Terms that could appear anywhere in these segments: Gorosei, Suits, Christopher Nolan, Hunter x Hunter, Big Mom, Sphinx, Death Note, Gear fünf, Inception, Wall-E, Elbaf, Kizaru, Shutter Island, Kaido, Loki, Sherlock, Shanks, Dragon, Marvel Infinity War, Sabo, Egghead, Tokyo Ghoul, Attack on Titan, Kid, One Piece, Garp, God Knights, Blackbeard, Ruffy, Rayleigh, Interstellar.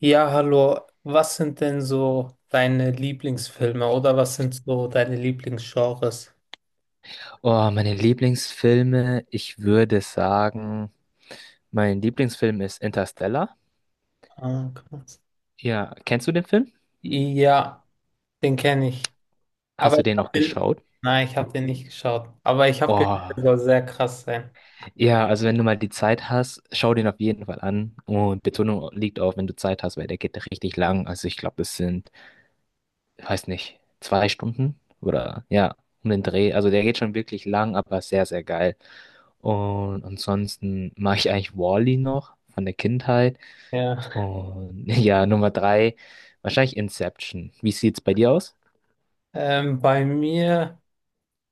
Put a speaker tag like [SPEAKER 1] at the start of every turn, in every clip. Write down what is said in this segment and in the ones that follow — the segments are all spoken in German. [SPEAKER 1] Ja, hallo. Was sind denn so deine Lieblingsfilme oder was sind so deine Lieblingsgenres?
[SPEAKER 2] Oh, meine Lieblingsfilme, ich würde sagen, mein Lieblingsfilm ist Interstellar.
[SPEAKER 1] Ah, krass.
[SPEAKER 2] Ja, kennst du den Film?
[SPEAKER 1] Ja, den kenne ich. Aber
[SPEAKER 2] Hast du
[SPEAKER 1] ich
[SPEAKER 2] den
[SPEAKER 1] habe
[SPEAKER 2] noch
[SPEAKER 1] den,
[SPEAKER 2] geschaut?
[SPEAKER 1] nein, ich habe den nicht geschaut. Aber ich habe gehört,
[SPEAKER 2] Oh,
[SPEAKER 1] der soll sehr krass sein.
[SPEAKER 2] ja, also wenn du mal die Zeit hast, schau den auf jeden Fall an. Und Betonung liegt auf, wenn du Zeit hast, weil der geht richtig lang. Also ich glaube, ich weiß nicht, zwei Stunden oder ja, um den Dreh. Also der geht schon wirklich lang, aber sehr, sehr geil. Und ansonsten mag ich eigentlich Wall-E noch von der Kindheit.
[SPEAKER 1] Ja.
[SPEAKER 2] Und ja, Nummer drei, wahrscheinlich Inception. Wie sieht's bei dir aus?
[SPEAKER 1] Bei mir,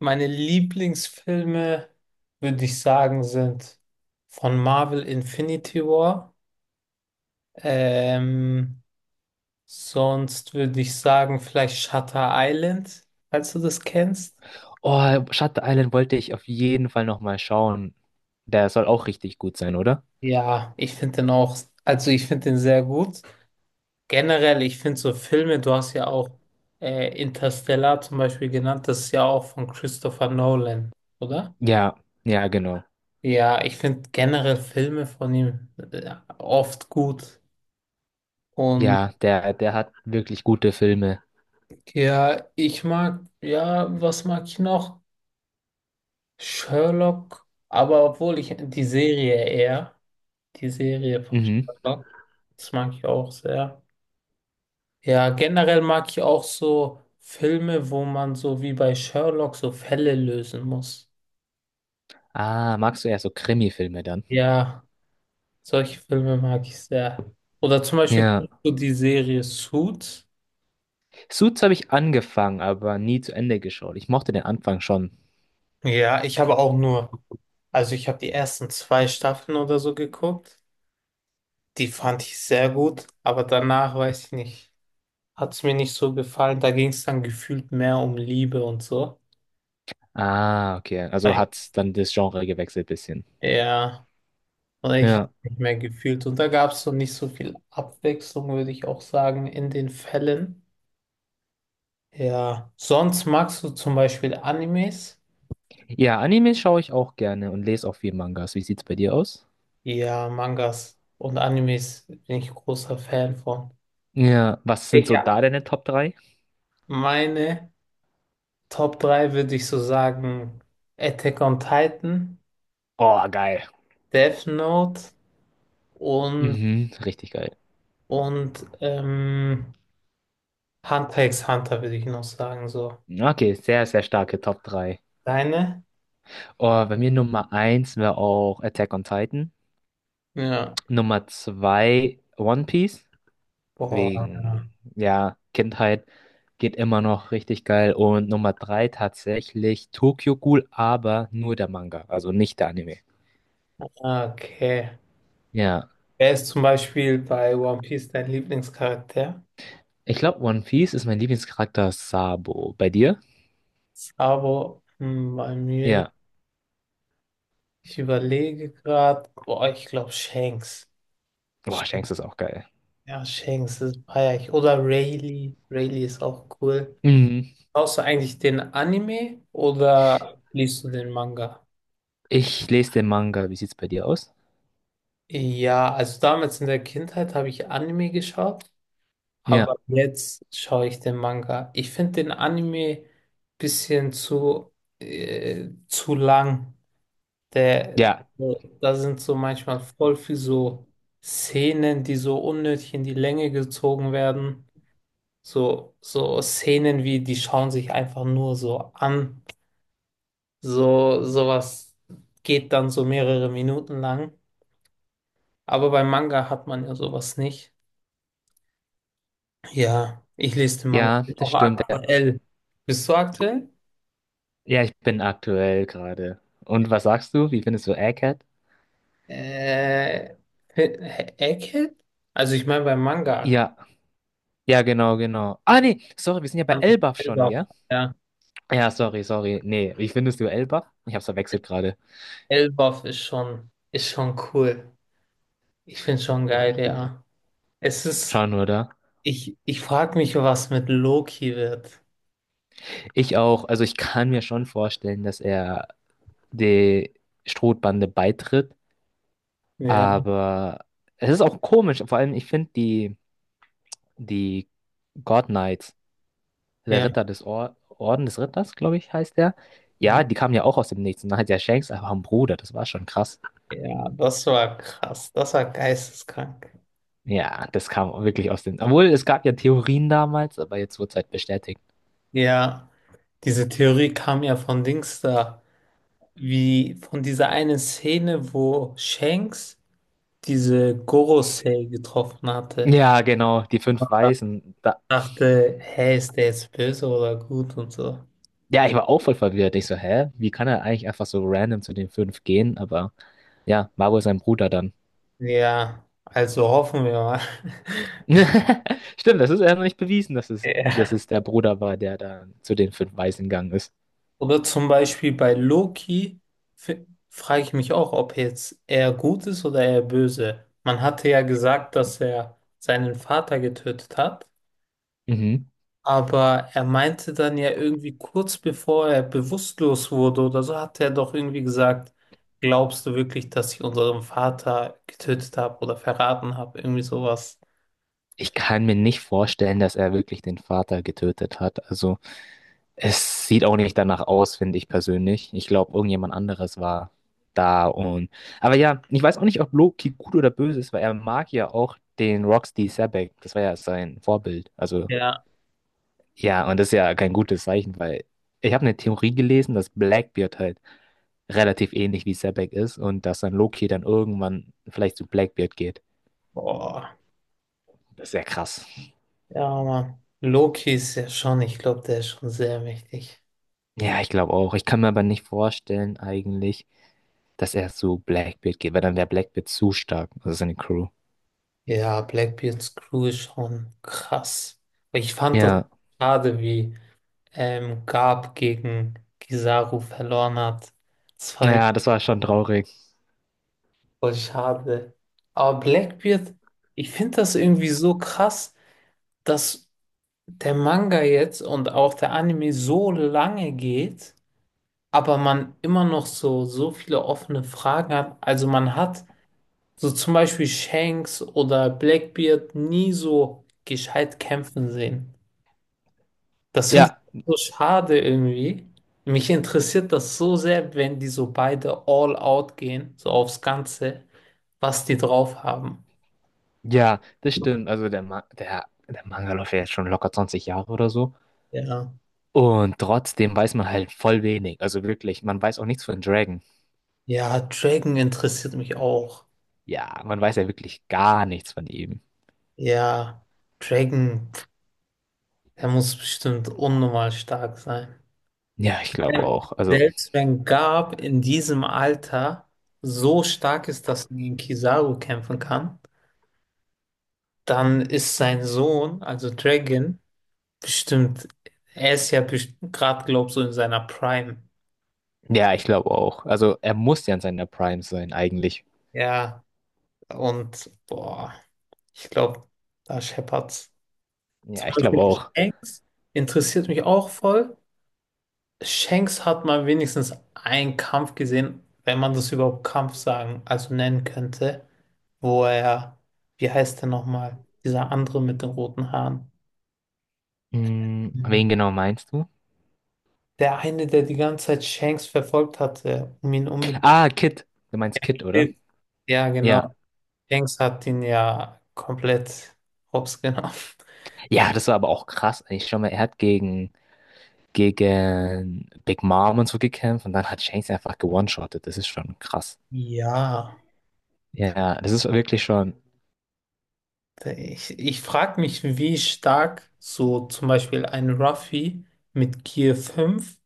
[SPEAKER 1] meine Lieblingsfilme, würde ich sagen, sind von Marvel Infinity War. Ähm, sonst würde ich sagen, vielleicht Shutter Island, falls du das kennst.
[SPEAKER 2] Oh, Shutter Island wollte ich auf jeden Fall nochmal schauen. Der soll auch richtig gut sein, oder?
[SPEAKER 1] Ja, ich finde den auch, also ich finde den sehr gut. Generell, ich finde so Filme, du hast ja auch Interstellar zum Beispiel genannt, das ist ja auch von Christopher Nolan, oder?
[SPEAKER 2] Ja, ja, genau.
[SPEAKER 1] Ja, ich finde generell Filme von ihm oft gut. Und
[SPEAKER 2] Ja, der hat wirklich gute Filme.
[SPEAKER 1] ja, ich mag, ja, was mag ich noch? Sherlock, aber obwohl ich die Serie eher, die Serie von
[SPEAKER 2] Mhm.
[SPEAKER 1] Sherlock, das mag ich auch sehr. Ja, generell mag ich auch so Filme, wo man so wie bei Sherlock so Fälle lösen muss.
[SPEAKER 2] Ah, magst du eher so Krimi-Filme dann?
[SPEAKER 1] Ja, solche Filme mag ich sehr. Oder zum Beispiel
[SPEAKER 2] Ja.
[SPEAKER 1] kennst du die Serie Suits.
[SPEAKER 2] Suits habe ich angefangen, aber nie zu Ende geschaut. Ich mochte den Anfang schon.
[SPEAKER 1] Ja, ich habe auch nur, also ich habe die ersten zwei Staffeln oder so geguckt. Die fand ich sehr gut, aber danach weiß ich nicht, hat es mir nicht so gefallen. Da ging es dann gefühlt mehr um Liebe und so.
[SPEAKER 2] Ah, okay. Also
[SPEAKER 1] Weil-
[SPEAKER 2] hat dann das Genre gewechselt bisschen.
[SPEAKER 1] Ja. Und ich habe
[SPEAKER 2] Ja.
[SPEAKER 1] nicht mehr gefühlt. Und da gab es so nicht so viel Abwechslung, würde ich auch sagen, in den Fällen. Ja, sonst magst du zum Beispiel Animes?
[SPEAKER 2] Ja, Anime schaue ich auch gerne und lese auch viel Mangas. Wie sieht's bei dir aus?
[SPEAKER 1] Ja, Mangas und Animes bin ich großer Fan von.
[SPEAKER 2] Ja, was sind so
[SPEAKER 1] Ja.
[SPEAKER 2] da deine Top drei?
[SPEAKER 1] Meine Top 3 würde ich so sagen: Attack on Titan,
[SPEAKER 2] Oh, geil.
[SPEAKER 1] Death Note und,
[SPEAKER 2] Mhm, richtig geil.
[SPEAKER 1] und Hunter x Hunter würde ich noch sagen. So.
[SPEAKER 2] Okay, sehr, sehr starke Top 3.
[SPEAKER 1] Deine?
[SPEAKER 2] Oh, bei mir Nummer eins wäre auch Attack on Titan.
[SPEAKER 1] Ja.
[SPEAKER 2] Nummer 2 One Piece,
[SPEAKER 1] Boah.
[SPEAKER 2] wegen, ja, Kindheit geht immer noch richtig geil. Und Nummer 3 tatsächlich Tokyo Ghoul, aber nur der Manga, also nicht der Anime.
[SPEAKER 1] Okay.
[SPEAKER 2] Ja,
[SPEAKER 1] Er ist zum Beispiel bei One Piece dein Lieblingscharakter,
[SPEAKER 2] ich glaube, One Piece ist mein Lieblingscharakter Sabo. Bei dir?
[SPEAKER 1] aber hm, bei mir,
[SPEAKER 2] Ja.
[SPEAKER 1] ich überlege gerade, boah, ich glaube Shanks.
[SPEAKER 2] Boah,
[SPEAKER 1] Sch-
[SPEAKER 2] Shanks ist auch geil.
[SPEAKER 1] Ja, Shanks, ist feier ich. Oder Rayleigh. Rayleigh ist auch cool.
[SPEAKER 2] Mhm.
[SPEAKER 1] Schaust du eigentlich den Anime oder liest du den Manga?
[SPEAKER 2] Ich lese den Manga. Wie sieht's bei dir aus?
[SPEAKER 1] Ja, also damals in der Kindheit habe ich Anime geschaut,
[SPEAKER 2] Ja,
[SPEAKER 1] aber jetzt schaue ich den Manga. Ich finde den Anime bisschen zu lang. Der,
[SPEAKER 2] ja,
[SPEAKER 1] da sind so manchmal voll viel so Szenen, die so unnötig in die Länge gezogen werden. So, so Szenen wie, die schauen sich einfach nur so an. So, sowas geht dann so mehrere Minuten lang. Aber beim Manga hat man ja sowas nicht. Ja, ich lese den Manga.
[SPEAKER 2] ja,
[SPEAKER 1] Bin
[SPEAKER 2] das
[SPEAKER 1] auch
[SPEAKER 2] stimmt. Ja,
[SPEAKER 1] aktuell. Bist du aktuell?
[SPEAKER 2] ja, ich bin aktuell gerade. Und was sagst du? Wie findest du Egghead?
[SPEAKER 1] Äh, Egghead? Also ich meine beim Manga.
[SPEAKER 2] Ja, ja, genau, genau. Ah, nee, sorry, wir sind ja bei Elbaf
[SPEAKER 1] Ja
[SPEAKER 2] schon,
[SPEAKER 1] selber,
[SPEAKER 2] gell?
[SPEAKER 1] ja.
[SPEAKER 2] Ja, sorry, sorry. Nee, wie findest du Elbaf? Ich hab's verwechselt gerade.
[SPEAKER 1] Elbaf ist schon cool. Ich find's schon geil, ja. Es ist,
[SPEAKER 2] Schau nur da.
[SPEAKER 1] ich frage mich, was mit Loki wird.
[SPEAKER 2] Ich auch. Also ich kann mir schon vorstellen, dass er die Strohbande beitritt.
[SPEAKER 1] Ja,
[SPEAKER 2] Aber es ist auch komisch. Vor allem, ich finde die God Knights, der
[SPEAKER 1] ja,
[SPEAKER 2] Ritter des Or Orden des Ritters, glaube ich, heißt der. Ja, die kamen ja auch aus dem Nichts. Und dann hat ja Shanks einfach einen Bruder. Das war schon krass.
[SPEAKER 1] ja, das war krass. Das war geisteskrank.
[SPEAKER 2] Ja, das kam wirklich aus dem. Obwohl, es gab ja Theorien damals, aber jetzt wurde es halt bestätigt.
[SPEAKER 1] Ja, diese Theorie kam ja von Dings da. Wie von dieser einen Szene, wo Shanks diese Gorosei getroffen hatte.
[SPEAKER 2] Ja, genau, die fünf Weißen. Da...
[SPEAKER 1] Dachte, hey, ist der jetzt böse oder gut und so.
[SPEAKER 2] Ja, ich war auch voll verwirrt. Ich so, hä? Wie kann er eigentlich einfach so random zu den fünf gehen? Aber ja, war wohl sein Bruder dann.
[SPEAKER 1] Ja, also hoffen wir mal.
[SPEAKER 2] Stimmt, das ist ja noch nicht bewiesen, dass
[SPEAKER 1] Ja.
[SPEAKER 2] es der Bruder war, der da zu den fünf Weißen gegangen ist.
[SPEAKER 1] Oder zum Beispiel bei Loki frage ich mich auch, ob jetzt er gut ist oder er böse. Man hatte ja gesagt, dass er seinen Vater getötet hat,
[SPEAKER 2] Mhm.
[SPEAKER 1] aber er meinte dann ja irgendwie kurz bevor er bewusstlos wurde oder so, hat er doch irgendwie gesagt, glaubst du wirklich, dass ich unseren Vater getötet habe oder verraten habe? Irgendwie sowas.
[SPEAKER 2] Ich kann mir nicht vorstellen, dass er wirklich den Vater getötet hat. Also es sieht auch nicht danach aus, finde ich persönlich. Ich glaube, irgendjemand anderes war da und. Aber ja, ich weiß auch nicht, ob Loki gut oder böse ist, weil er mag ja auch den Roxy Sabek. Das war ja sein Vorbild. Also
[SPEAKER 1] Ja.
[SPEAKER 2] ja, und das ist ja kein gutes Zeichen, weil ich habe eine Theorie gelesen, dass Blackbeard halt relativ ähnlich wie Sabek ist und dass dann Loki dann irgendwann vielleicht zu Blackbeard geht.
[SPEAKER 1] Boah.
[SPEAKER 2] Das ist ja krass.
[SPEAKER 1] Ja, Mann. Loki ist ja schon, ich glaube, der ist schon sehr mächtig.
[SPEAKER 2] Ja, ich glaube auch. Ich kann mir aber nicht vorstellen eigentlich, dass er zu Blackbeard geht, weil dann wäre Blackbeard zu stark, also seine Crew.
[SPEAKER 1] Ja, Blackbeards Crew ist schon krass. Ich fand das
[SPEAKER 2] Ja,
[SPEAKER 1] schade, wie Garp gegen Kizaru verloren hat. Das fand ich
[SPEAKER 2] ja, das war schon traurig.
[SPEAKER 1] voll schade. Aber Blackbeard, ich finde das irgendwie so krass, dass der Manga jetzt und auch der Anime so lange geht, aber man immer noch so, viele offene Fragen hat. Also man hat so zum Beispiel Shanks oder Blackbeard nie so gescheit kämpfen sehen. Das finde
[SPEAKER 2] Ja,
[SPEAKER 1] ich so schade irgendwie. Mich interessiert das so sehr, wenn die so beide all out gehen, so aufs Ganze, was die drauf haben.
[SPEAKER 2] ja, das stimmt. Also der Manga läuft ja jetzt schon locker 20 Jahre oder so.
[SPEAKER 1] Ja.
[SPEAKER 2] Und trotzdem weiß man halt voll wenig. Also wirklich, man weiß auch nichts von Dragon.
[SPEAKER 1] Ja, Dragon interessiert mich auch.
[SPEAKER 2] Ja, man weiß ja wirklich gar nichts von ihm.
[SPEAKER 1] Ja, Dragon, pf, der muss bestimmt unnormal stark sein.
[SPEAKER 2] Ja, ich glaube
[SPEAKER 1] Ja.
[SPEAKER 2] auch. Also,
[SPEAKER 1] Selbst wenn Garp in diesem Alter so stark ist, dass er gegen Kizaru kämpfen kann, dann ist sein Sohn, also Dragon, bestimmt, er ist ja gerade, glaub so in seiner Prime.
[SPEAKER 2] ja, ich glaube auch. Also er muss ja in seiner Prime sein eigentlich.
[SPEAKER 1] Ja, und boah, ich glaube, da scheppert's. Zum
[SPEAKER 2] Ja, ich glaube
[SPEAKER 1] Beispiel
[SPEAKER 2] auch.
[SPEAKER 1] Shanks interessiert mich auch voll. Shanks hat mal wenigstens einen Kampf gesehen, wenn man das überhaupt Kampf sagen, also nennen könnte, wo er, wie heißt der nochmal, dieser andere mit den roten Haaren.
[SPEAKER 2] Hm,
[SPEAKER 1] Mhm.
[SPEAKER 2] wen genau meinst du?
[SPEAKER 1] Der eine, der die ganze Zeit Shanks verfolgt hatte, um ihn unbedingt.
[SPEAKER 2] Ah, Kid. Du meinst Kid, oder?
[SPEAKER 1] Ja,
[SPEAKER 2] Ja.
[SPEAKER 1] genau. Dings hat ihn ja komplett hops genommen.
[SPEAKER 2] Ja, das war aber auch krass. Ich schau mal, er hat gegen Big Mom und so gekämpft und dann hat Shanks einfach gewone-shottet. Das ist schon krass.
[SPEAKER 1] Ja,
[SPEAKER 2] Ja, das ist wirklich schon.
[SPEAKER 1] ich frage mich, wie stark so zum Beispiel ein Ruffy mit Gear fünf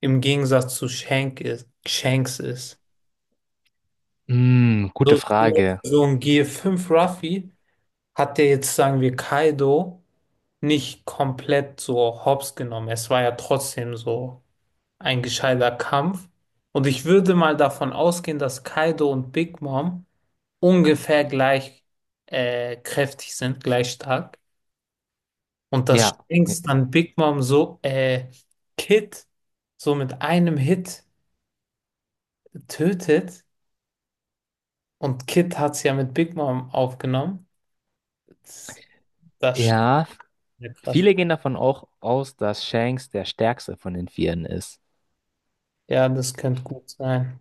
[SPEAKER 1] im Gegensatz zu Shank ist, Shanks ist.
[SPEAKER 2] Mm, gute
[SPEAKER 1] So,
[SPEAKER 2] Frage.
[SPEAKER 1] so ein Gear fünf Ruffy hat der jetzt, sagen wir, Kaido nicht komplett so hops genommen. Es war ja trotzdem so ein gescheiter Kampf. Und ich würde mal davon ausgehen, dass Kaido und Big Mom ungefähr gleich kräftig sind, gleich stark. Und das
[SPEAKER 2] Ja.
[SPEAKER 1] Sphinx dann Big Mom so, Kid so mit einem Hit tötet. Und Kid hat es ja mit Big Mom aufgenommen. Das, das ist schon
[SPEAKER 2] Ja.
[SPEAKER 1] sehr krass.
[SPEAKER 2] Viele gehen davon auch aus, dass Shanks der stärkste von den Vieren ist.
[SPEAKER 1] Ja, das könnte gut sein.